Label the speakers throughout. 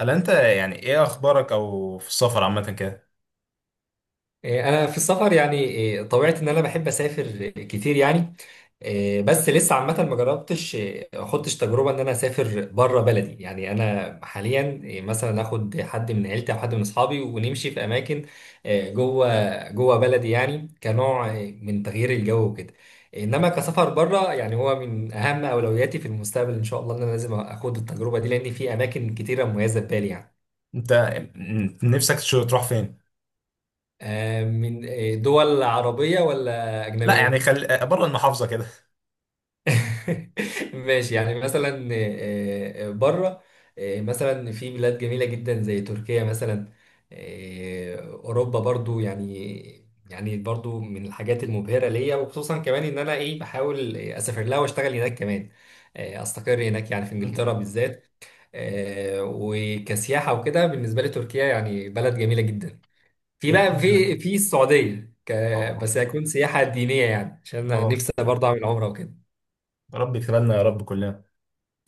Speaker 1: هل انت يعني ايه اخبارك او في السفر عامه كده؟
Speaker 2: انا في السفر يعني إيه، طبيعتي ان انا بحب اسافر كتير يعني. بس لسه عامه ما جربتش، اخدتش تجربه ان انا اسافر بره بلدي يعني. انا حاليا مثلا اخد حد من عيلتي او حد من اصحابي ونمشي في اماكن جوه جوه بلدي، يعني كنوع من تغيير الجو وكده. انما كسفر بره يعني هو من اهم اولوياتي في المستقبل ان شاء الله، ان انا لازم اخد التجربه دي لان في اماكن كتيره مميزه في بالي يعني.
Speaker 1: انت نفسك تروح فين؟
Speaker 2: من دول عربيه ولا
Speaker 1: لا يعني
Speaker 2: اجنبيه؟
Speaker 1: خل بره المحافظه كده.
Speaker 2: ماشي، يعني مثلا، بره. مثلا في بلاد جميلة جدا زي تركيا مثلا. أوروبا برضو يعني، برضو من الحاجات المبهرة ليا، وخصوصا كمان إن أنا بحاول أسافر لها وأشتغل هناك كمان. أستقر هناك، يعني في
Speaker 1: مم.
Speaker 2: إنجلترا بالذات. وكسياحة وكده بالنسبة لي تركيا يعني بلد جميلة جدا. في بقى
Speaker 1: تركيا،
Speaker 2: في في السعودية
Speaker 1: اه.
Speaker 2: بس هيكون سياحة دينية، يعني عشان أنا
Speaker 1: اه،
Speaker 2: نفسي برضه أعمل عمرة وكده.
Speaker 1: يا رب يكتبنا يا رب كلنا.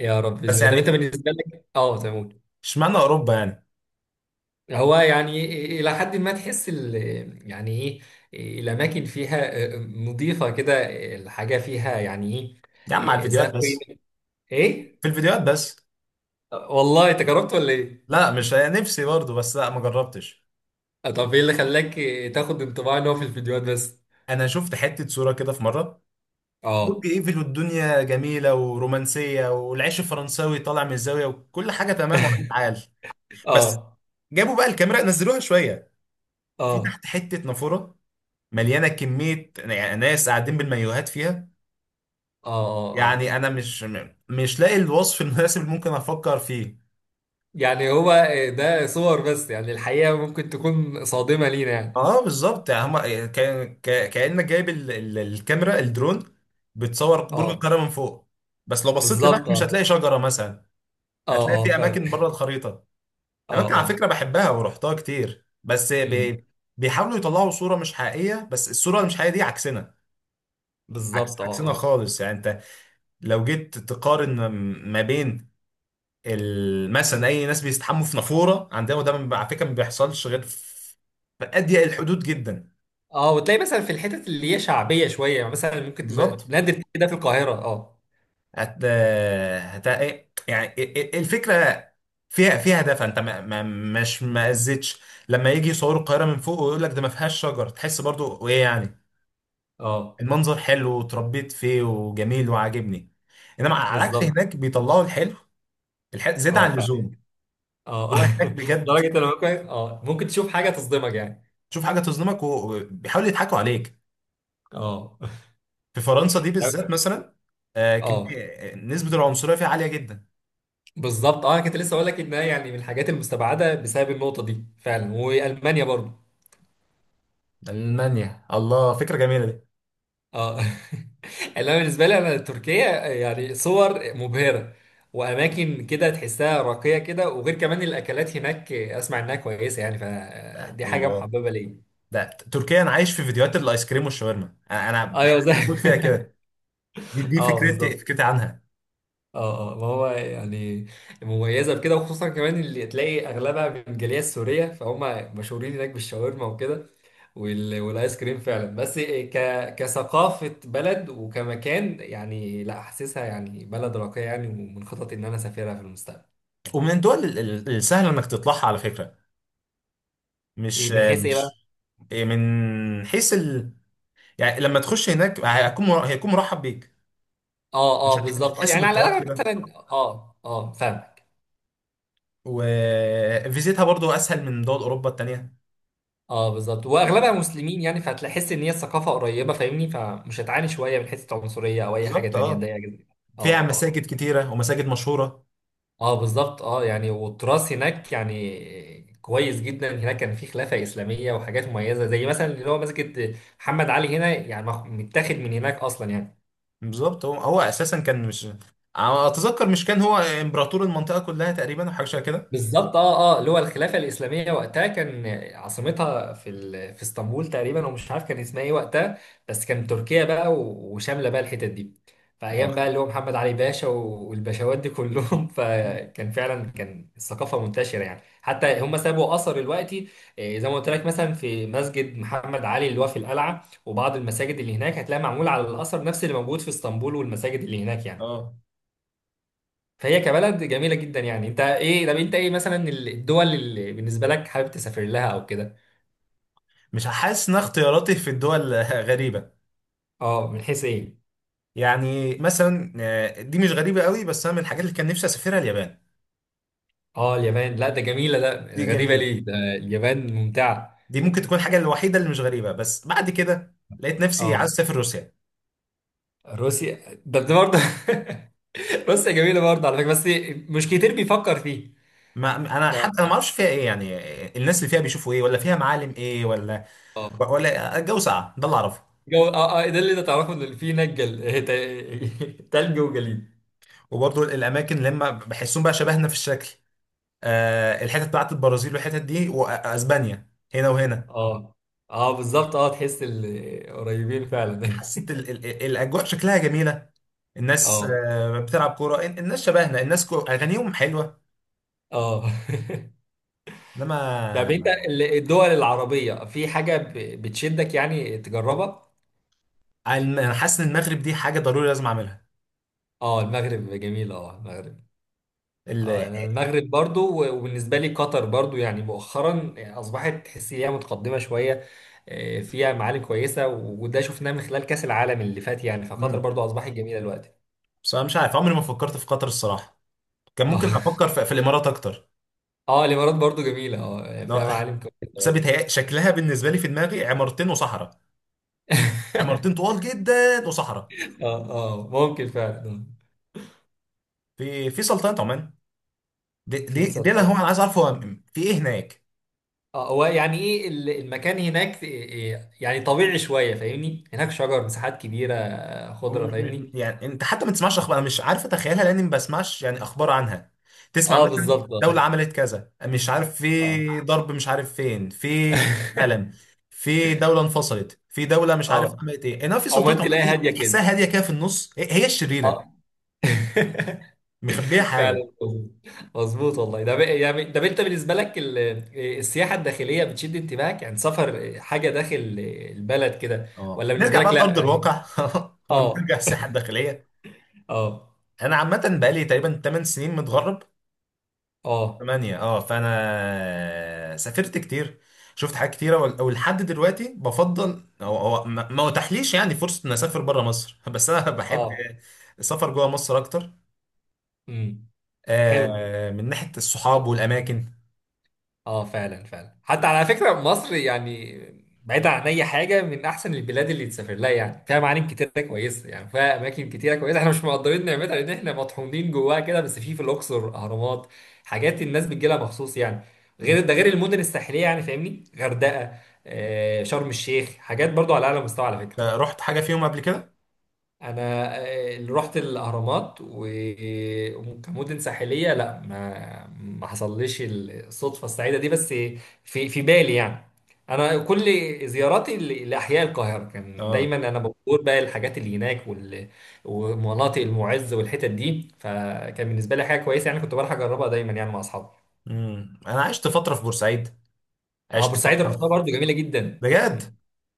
Speaker 2: يا رب باذن
Speaker 1: بس
Speaker 2: الله. طب انت
Speaker 1: يعني
Speaker 2: بالنسبه لك، اه، تمام.
Speaker 1: اشمعنى اوروبا يعني؟
Speaker 2: هو يعني الى حد ما تحس يعني ايه، الاماكن فيها نظيفه كده، الحاجه فيها يعني
Speaker 1: يا عم على
Speaker 2: ايه
Speaker 1: الفيديوهات
Speaker 2: ذات
Speaker 1: بس.
Speaker 2: قيمه، ايه.
Speaker 1: في الفيديوهات بس.
Speaker 2: والله انت جربت ولا ايه؟
Speaker 1: لا، مش نفسي برضه، بس لا ما جربتش.
Speaker 2: طب ايه اللي خلاك تاخد انطباع ان هو في الفيديوهات بس؟
Speaker 1: انا شفت حته صوره كده في مره، برج
Speaker 2: اه.
Speaker 1: ايفل والدنيا جميله ورومانسيه والعيش الفرنساوي طالع من الزاويه وكل حاجه تمام وعيال عال. بس
Speaker 2: اه
Speaker 1: جابوا بقى الكاميرا نزلوها شويه في
Speaker 2: اه
Speaker 1: تحت حتة نافورة مليانة كمية يعني ناس قاعدين بالمايوهات فيها.
Speaker 2: اه. اه اه.
Speaker 1: يعني أنا مش مش لاقي الوصف المناسب اللي ممكن أفكر فيه.
Speaker 2: يعني هو ده صور بس، يعني الحقيقة ممكن تكون صادمة لينا يعني.
Speaker 1: اه بالظبط، يعني هما كأنك جايب الكاميرا الدرون بتصور برج
Speaker 2: اه
Speaker 1: القاهرة من فوق، بس لو بصيت
Speaker 2: بالظبط.
Speaker 1: لتحت مش
Speaker 2: اه
Speaker 1: هتلاقي شجرة مثلا.
Speaker 2: اه
Speaker 1: هتلاقي
Speaker 2: اه
Speaker 1: في
Speaker 2: فعلا.
Speaker 1: أماكن بره الخريطة.
Speaker 2: اه
Speaker 1: أماكن على
Speaker 2: اه.
Speaker 1: فكرة بحبها ورحتها كتير،
Speaker 2: مم.
Speaker 1: بيحاولوا يطلعوا صورة مش حقيقية، بس الصورة اللي مش حقيقية دي عكسنا. عكس
Speaker 2: بالظبط. اه
Speaker 1: عكسنا
Speaker 2: اه
Speaker 1: خالص. يعني انت لو جيت تقارن ما بين مثلا اي ناس بيستحموا في نافوره عندنا، وده ما- على فكره ما بيحصلش غير في في اضيق الحدود جدا.
Speaker 2: اه. وتلاقي مثلا في الحتت اللي هي شعبيه شويه، يعني مثلا ممكن تبقى
Speaker 1: بالظبط،
Speaker 2: نادر تلاقي ده في القاهره، اه.
Speaker 1: هت... هت... إيه، يعني الفكره فيها هدف. انت ما... ما... مش ما اذيتش. لما يجي يصوروا القاهره من فوق ويقول لك ده ما فيهاش شجر تحس برضو ايه؟ يعني
Speaker 2: اه
Speaker 1: المنظر حلو وتربيت فيه وجميل وعاجبني. انما على العكس
Speaker 2: بالظبط.
Speaker 1: هناك بيطلعوا الحلو، الحلو زيادة
Speaker 2: اه
Speaker 1: عن
Speaker 2: فعلا.
Speaker 1: اللزوم.
Speaker 2: اه.
Speaker 1: هو هناك بجد
Speaker 2: لدرجه انا ممكن، اه، ممكن تشوف حاجه تصدمك يعني.
Speaker 1: تشوف حاجه تظلمك وبيحاولوا يضحكوا عليك.
Speaker 2: اه.
Speaker 1: في فرنسا دي بالذات
Speaker 2: طب-
Speaker 1: مثلا،
Speaker 2: اه
Speaker 1: كمية نسبة العنصرية فيه عالية جدا.
Speaker 2: بالظبط. اه انا كنت لسه اقول لك انها يعني من الحاجات المستبعده بسبب النقطه دي فعلا، والمانيا برضو.
Speaker 1: ألمانيا، الله، فكرة جميلة دي.
Speaker 2: اه. اللي انا بالنسبه لي انا تركيا، يعني صور مبهره، واماكن كده تحسها راقيه كده، وغير كمان الاكلات هناك اسمع انها كويسه، يعني فدي حاجه
Speaker 1: الله.
Speaker 2: محببه ليا.
Speaker 1: ده تركيا أنا عايش في فيديوهات الآيس كريم والشاورما، أنا
Speaker 2: ايوه
Speaker 1: بحب
Speaker 2: زي.
Speaker 1: أقول فيها كده. دي دي
Speaker 2: اه
Speaker 1: فكرتي،
Speaker 2: بالظبط.
Speaker 1: فكرتي عنها.
Speaker 2: اه اه ما هو يعني مميزه بكده، وخصوصا كمان اللي تلاقي اغلبها من الجاليه السوريه، فهم مشهورين هناك بالشاورما وكده، والايس كريم فعلا. بس كثقافه بلد وكمكان، يعني لا حاسسها يعني بلد راقيه يعني، ومن خططي ان انا اسافرها في المستقبل.
Speaker 1: ومن الدول السهل إنك تطلعها على فكرة.
Speaker 2: إيه،
Speaker 1: مش
Speaker 2: من
Speaker 1: آه،
Speaker 2: حيث ايه بقى؟
Speaker 1: مش من حيث. يعني لما تخش هناك هيكون هيكون مرحب بيك.
Speaker 2: اه اه
Speaker 1: مش
Speaker 2: بالظبط اه،
Speaker 1: هتحس
Speaker 2: يعني على
Speaker 1: بالضغط
Speaker 2: الاغلب
Speaker 1: كده.
Speaker 2: مثلا. اه اه فاهمك.
Speaker 1: وفيزيتها برضو أسهل من دول أوروبا التانية.
Speaker 2: اه بالظبط، واغلبها مسلمين يعني، فهتحس ان هي الثقافه قريبه، فاهمني، فمش هتعاني شويه من حته عنصريه او اي حاجه
Speaker 1: بالظبط
Speaker 2: تانيه
Speaker 1: اه.
Speaker 2: تضايقك.
Speaker 1: فيها
Speaker 2: اه اه
Speaker 1: مساجد كتيرة ومساجد مشهورة.
Speaker 2: اه بالظبط اه، يعني والتراث هناك يعني كويس جدا، هناك كان في خلافة إسلامية وحاجات مميزة، زي مثلا اللي هو مسجد محمد علي هنا، يعني متاخد من هناك أصلا يعني.
Speaker 1: بالظبط، هو اساسا كان مش، أنا اتذكر مش كان هو امبراطور المنطقه كلها تقريبا او حاجه شبه كده.
Speaker 2: بالظبط اه اه، اللي هو الخلافه الاسلاميه وقتها كان عاصمتها في في اسطنبول تقريبا، ومش عارف كان اسمها ايه وقتها. بس كان تركيا بقى وشامله بقى الحتت دي. فايام
Speaker 1: اه
Speaker 2: بقى اللي هو محمد علي باشا والباشوات دي كلهم. فكان فعلا كان الثقافه منتشره، يعني حتى هم سابوا اثر دلوقتي. زي ما قلت لك مثلا في مسجد محمد علي اللي هو في القلعه وبعض المساجد اللي هناك، هتلاقي معمول على الاثر نفس اللي موجود في اسطنبول والمساجد اللي هناك يعني.
Speaker 1: اه.
Speaker 2: فهي كبلد جميلة جدا يعني. انت ايه؟ طب انت ايه مثلا الدول اللي بالنسبة لك حابب تسافر لها او كده؟
Speaker 1: مش حاسس ان اختياراتي في الدول غريبه.
Speaker 2: اه من حيث ايه؟
Speaker 1: يعني مثلا دي مش غريبه قوي، بس انا من الحاجات اللي كان نفسي اسافرها اليابان.
Speaker 2: اه اليابان، لا ده جميلة ده.
Speaker 1: دي
Speaker 2: غريبة
Speaker 1: جميله.
Speaker 2: ليه ده؟ اليابان ممتعة.
Speaker 1: دي ممكن تكون الحاجه الوحيده اللي مش غريبه، بس بعد كده لقيت نفسي
Speaker 2: اه.
Speaker 1: عايز اسافر روسيا.
Speaker 2: روسيا، ده برضه. روسيا جميلة برضه على فكرة، بس مش كتير بيفكر فيه.
Speaker 1: ما انا حتى
Speaker 2: بقى-
Speaker 1: ما اعرفش فيها ايه يعني. الناس اللي فيها بيشوفوا ايه ولا فيها معالم ايه ولا
Speaker 2: اه.
Speaker 1: ولا الجو ساقع، ده اللي اعرفه.
Speaker 2: جو، اه اه، ده اللي انت تعرفه ان في هناك تلج وجليد.
Speaker 1: وبرضه الاماكن اللي هم بحسهم بقى شبهنا في الشكل. الحتت بتاعت البرازيل والحتت دي واسبانيا، هنا وهنا.
Speaker 2: اه اه بالظبط اه، تحس قريبين فعلا.
Speaker 1: حسيت الاجواء شكلها جميله. الناس
Speaker 2: اه
Speaker 1: بتلعب كوره، الناس شبهنا، الناس اغانيهم حلوه.
Speaker 2: اه. طب انت
Speaker 1: انما
Speaker 2: الدول العربية في حاجة بتشدك، يعني تجربها؟
Speaker 1: انا حاسس ان المغرب دي حاجه ضروري لازم اعملها.
Speaker 2: اه المغرب جميل، اه المغرب.
Speaker 1: ال-
Speaker 2: اه انا المغرب برضو، وبالنسبة لي قطر برضو، يعني مؤخرا اصبحت تحس ان هي متقدمة شوية، فيها معالم كويسة، وده شفناه من خلال كأس العالم اللي فات يعني، فقطر
Speaker 1: مم.
Speaker 2: برضو اصبحت جميلة دلوقتي.
Speaker 1: بس انا مش عارف عمري ما فكرت في قطر الصراحه. كان ممكن
Speaker 2: اه.
Speaker 1: افكر في, في الامارات اكتر.
Speaker 2: اه الامارات برضو جميلة، اه يعني
Speaker 1: لو
Speaker 2: فيها معالم كويسة برضو.
Speaker 1: شكلها بالنسبه لي في دماغي عمارتين وصحراء، عمارتين طوال جدا وصحراء.
Speaker 2: اه اه ممكن فعلا، آه.
Speaker 1: في في سلطنه عمان، دي
Speaker 2: في
Speaker 1: دي, دي انا، انا
Speaker 2: سلطنة.
Speaker 1: عايز اعرف هو في ايه هناك.
Speaker 2: اه هو يعني ايه المكان هناك، إيه- إيه، يعني طبيعي شويه فاهمني، هناك شجر، مساحات كبيره، خضره فاهمني.
Speaker 1: يعني انت حتى ما تسمعش اخبار، انا مش عارف اتخيلها لاني ما بسمعش يعني اخبار عنها. تسمع
Speaker 2: اه
Speaker 1: مثلا
Speaker 2: بالظبط. اه
Speaker 1: دولة عملت كذا مش عارف،
Speaker 2: اه.
Speaker 1: في ضرب مش عارف فين، في كأس عالم، في دولة انفصلت، في دولة مش عارف
Speaker 2: اه
Speaker 1: عملت ايه، انما في
Speaker 2: عمان
Speaker 1: سلطنة عمان
Speaker 2: تلاقي
Speaker 1: دي
Speaker 2: هاديه كده.
Speaker 1: تحسها هادية كده في النص، هي
Speaker 2: اه.
Speaker 1: الشريرة، مخبية
Speaker 2: فعلا
Speaker 1: حاجة.
Speaker 2: مظبوط. مظبوط والله. ده يعني ده انت بالنسبه لك ال- إيه، السياحه الداخليه بتشد انتباهك، يعني سفر حاجه داخل البلد كده،
Speaker 1: اه
Speaker 2: ولا
Speaker 1: نرجع
Speaker 2: بالنسبه
Speaker 1: بقى
Speaker 2: لك لا
Speaker 1: لأرض
Speaker 2: يعني؟
Speaker 1: الواقع. ونرجع
Speaker 2: اه
Speaker 1: الساحة الداخلية.
Speaker 2: اه
Speaker 1: انا عامة بقالي تقريبا 8 سنين متغرب،
Speaker 2: اه
Speaker 1: ثمانية اه. فانا سافرت كتير، شفت حاجات كتيرة ولحد دلوقتي بفضل، هو ما اتاحليش يعني فرصة ان اسافر بره مصر. بس انا بحب
Speaker 2: اه.
Speaker 1: السفر جوه مصر اكتر.
Speaker 2: امم. حلو.
Speaker 1: آه، من ناحية الصحاب والاماكن.
Speaker 2: اه فعلا فعلا. حتى على فكرة مصر يعني بعيد عن اي حاجة من احسن البلاد اللي تسافر لها، يعني فيها معالم كتيرة كويسة، يعني فيها اماكن كتيرة كويسة، احنا مش مقدرين نعمتها لان احنا مطحونين جواها كده، بس في، في الاقصر اهرامات، حاجات الناس بتجيلها مخصوص يعني، غير ده غير المدن الساحلية، يعني فاهمني غردقة، آه شرم الشيخ، حاجات برضو على اعلى مستوى على فكرة.
Speaker 1: رحت حاجة فيهم قبل كده
Speaker 2: انا اللي رحت الاهرامات، وكمدن ساحليه لا، ما حصلليش الصدفه السعيده دي، بس في، في بالي يعني. انا كل زياراتي لاحياء القاهره كان
Speaker 1: اه.
Speaker 2: دايما، انا بزور بقى الحاجات اللي هناك، ومناطق المعز والحتت دي، فكان بالنسبه لي حاجه كويسه يعني، كنت بروح اجربها دايما يعني مع اصحابي.
Speaker 1: امم، انا عشت فترة في بورسعيد،
Speaker 2: اه
Speaker 1: عشت
Speaker 2: بورسعيد
Speaker 1: فترة
Speaker 2: رحتها
Speaker 1: في
Speaker 2: برضو جميله جدا.
Speaker 1: بجد.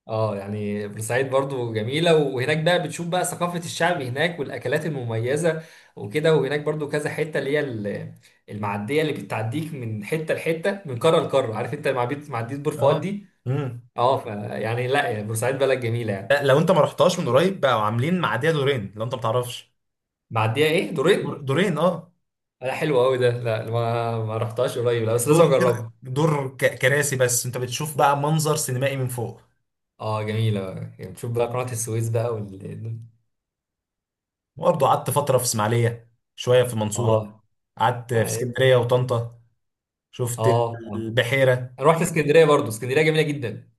Speaker 2: اه يعني بورسعيد برضو جميلة، وهناك بقى بتشوف بقى ثقافة الشعب هناك والأكلات المميزة وكده، وهناك برضو كذا حتة اللي هي المعدية اللي بتعديك من حتة لحتة، من قارة لقارة، عارف انت معدية، معدية بور
Speaker 1: اه.
Speaker 2: فؤاد دي.
Speaker 1: امم،
Speaker 2: اه فيعني لا يعني بورسعيد بلد جميلة
Speaker 1: لا،
Speaker 2: يعني.
Speaker 1: لو انت ما رحتهاش من قريب بقوا عاملين معادية دورين لو انت ما تعرفش.
Speaker 2: معدية ايه دورين؟
Speaker 1: دورين اه.
Speaker 2: لا حلو قوي ده، لا ما رحتهاش قريب لا، بس لازم
Speaker 1: دور كده،
Speaker 2: اجربها.
Speaker 1: دور كراسي، بس انت بتشوف بقى منظر سينمائي من فوق.
Speaker 2: اه جميلة، يعني بتشوف بقى قناة السويس بقى
Speaker 1: برضه قعدت فتره في اسماعيليه، شويه في المنصوره،
Speaker 2: اه
Speaker 1: قعدت في اسكندريه وطنطا، شفت
Speaker 2: اه اه.
Speaker 1: البحيره.
Speaker 2: انا رحت اسكندرية برضو، اسكندرية جميلة جدا،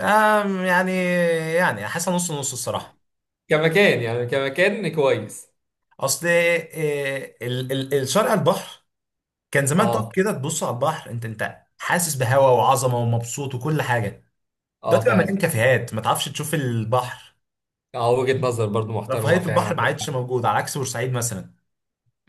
Speaker 1: آم، يعني يعني حاسه نص نص الصراحه.
Speaker 2: كمكان يعني كمكان كويس.
Speaker 1: اصل الشارع على البحر كان زمان تقف
Speaker 2: اه
Speaker 1: كده تبص على البحر انت، حاسس بهوا وعظمه ومبسوط وكل حاجه. ده
Speaker 2: اه
Speaker 1: تبقى مليان
Speaker 2: فعلا.
Speaker 1: كافيهات ما تعرفش تشوف البحر.
Speaker 2: اه وجهة نظر برضو محترمة، اه
Speaker 1: رفاهيه
Speaker 2: فعلا
Speaker 1: البحر ما
Speaker 2: عندك.
Speaker 1: عادش موجوده على عكس بورسعيد مثلا.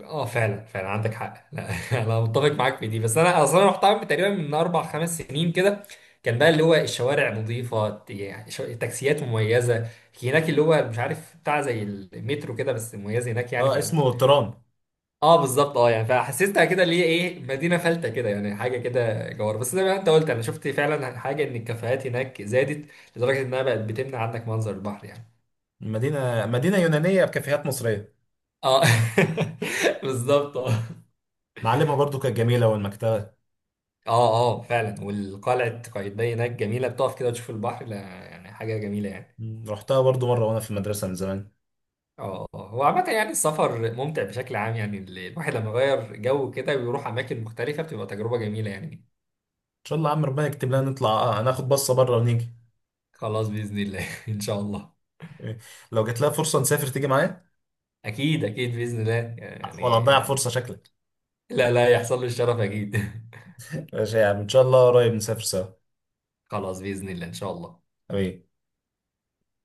Speaker 2: اه فعلا فعلا عندك حق لا. انا متفق معاك في دي، بس انا اصلا رحت عامل تقريبا من 4 5 سنين كده، كان بقى اللي هو الشوارع نظيفة، يعني تاكسيات مميزة هناك، اللي هو مش عارف بتاع زي المترو كده بس مميز هناك يعني.
Speaker 1: اه، اسمه ترام.
Speaker 2: اه بالظبط اه يعني، فحسيتها كده اللي هي ايه مدينه فلته كده، يعني حاجه كده جوار، بس زي ما انت قلت انا شفت فعلا حاجه ان الكافيهات هناك زادت لدرجه انها بقت بتمنع عنك منظر البحر يعني.
Speaker 1: مدينة يونانية بكافيهات مصرية.
Speaker 2: اه. بالظبط. اه
Speaker 1: معلمها برضو كانت جميلة والمكتبة.
Speaker 2: اه اه فعلا، والقلعه قايتباي هناك جميله، بتقف كده وتشوف البحر، لا يعني حاجه جميله يعني.
Speaker 1: رحتها برضو مرة وأنا في المدرسة من زمان. إن
Speaker 2: اه اه آه. هو عامة يعني السفر ممتع بشكل عام، يعني الواحد لما يغير جو كده ويروح أماكن مختلفة بتبقى تجربة جميلة يعني.
Speaker 1: شاء الله يا عم، ربنا يكتب لنا نطلع، آه، هناخد بصة بره ونيجي.
Speaker 2: خلاص بإذن الله. إن شاء الله.
Speaker 1: إيه، لو جات لها فرصة نسافر تيجي معايا،
Speaker 2: أكيد أكيد بإذن الله.
Speaker 1: ولا هتضيع
Speaker 2: يعني
Speaker 1: فرصة شكلك؟
Speaker 2: لا، لا يحصل له الشرف اكيد.
Speaker 1: ماشي يا عم، إن شاء الله قريب نسافر سوا،
Speaker 2: خلاص باذن الله ان شاء الله.
Speaker 1: حبيبي.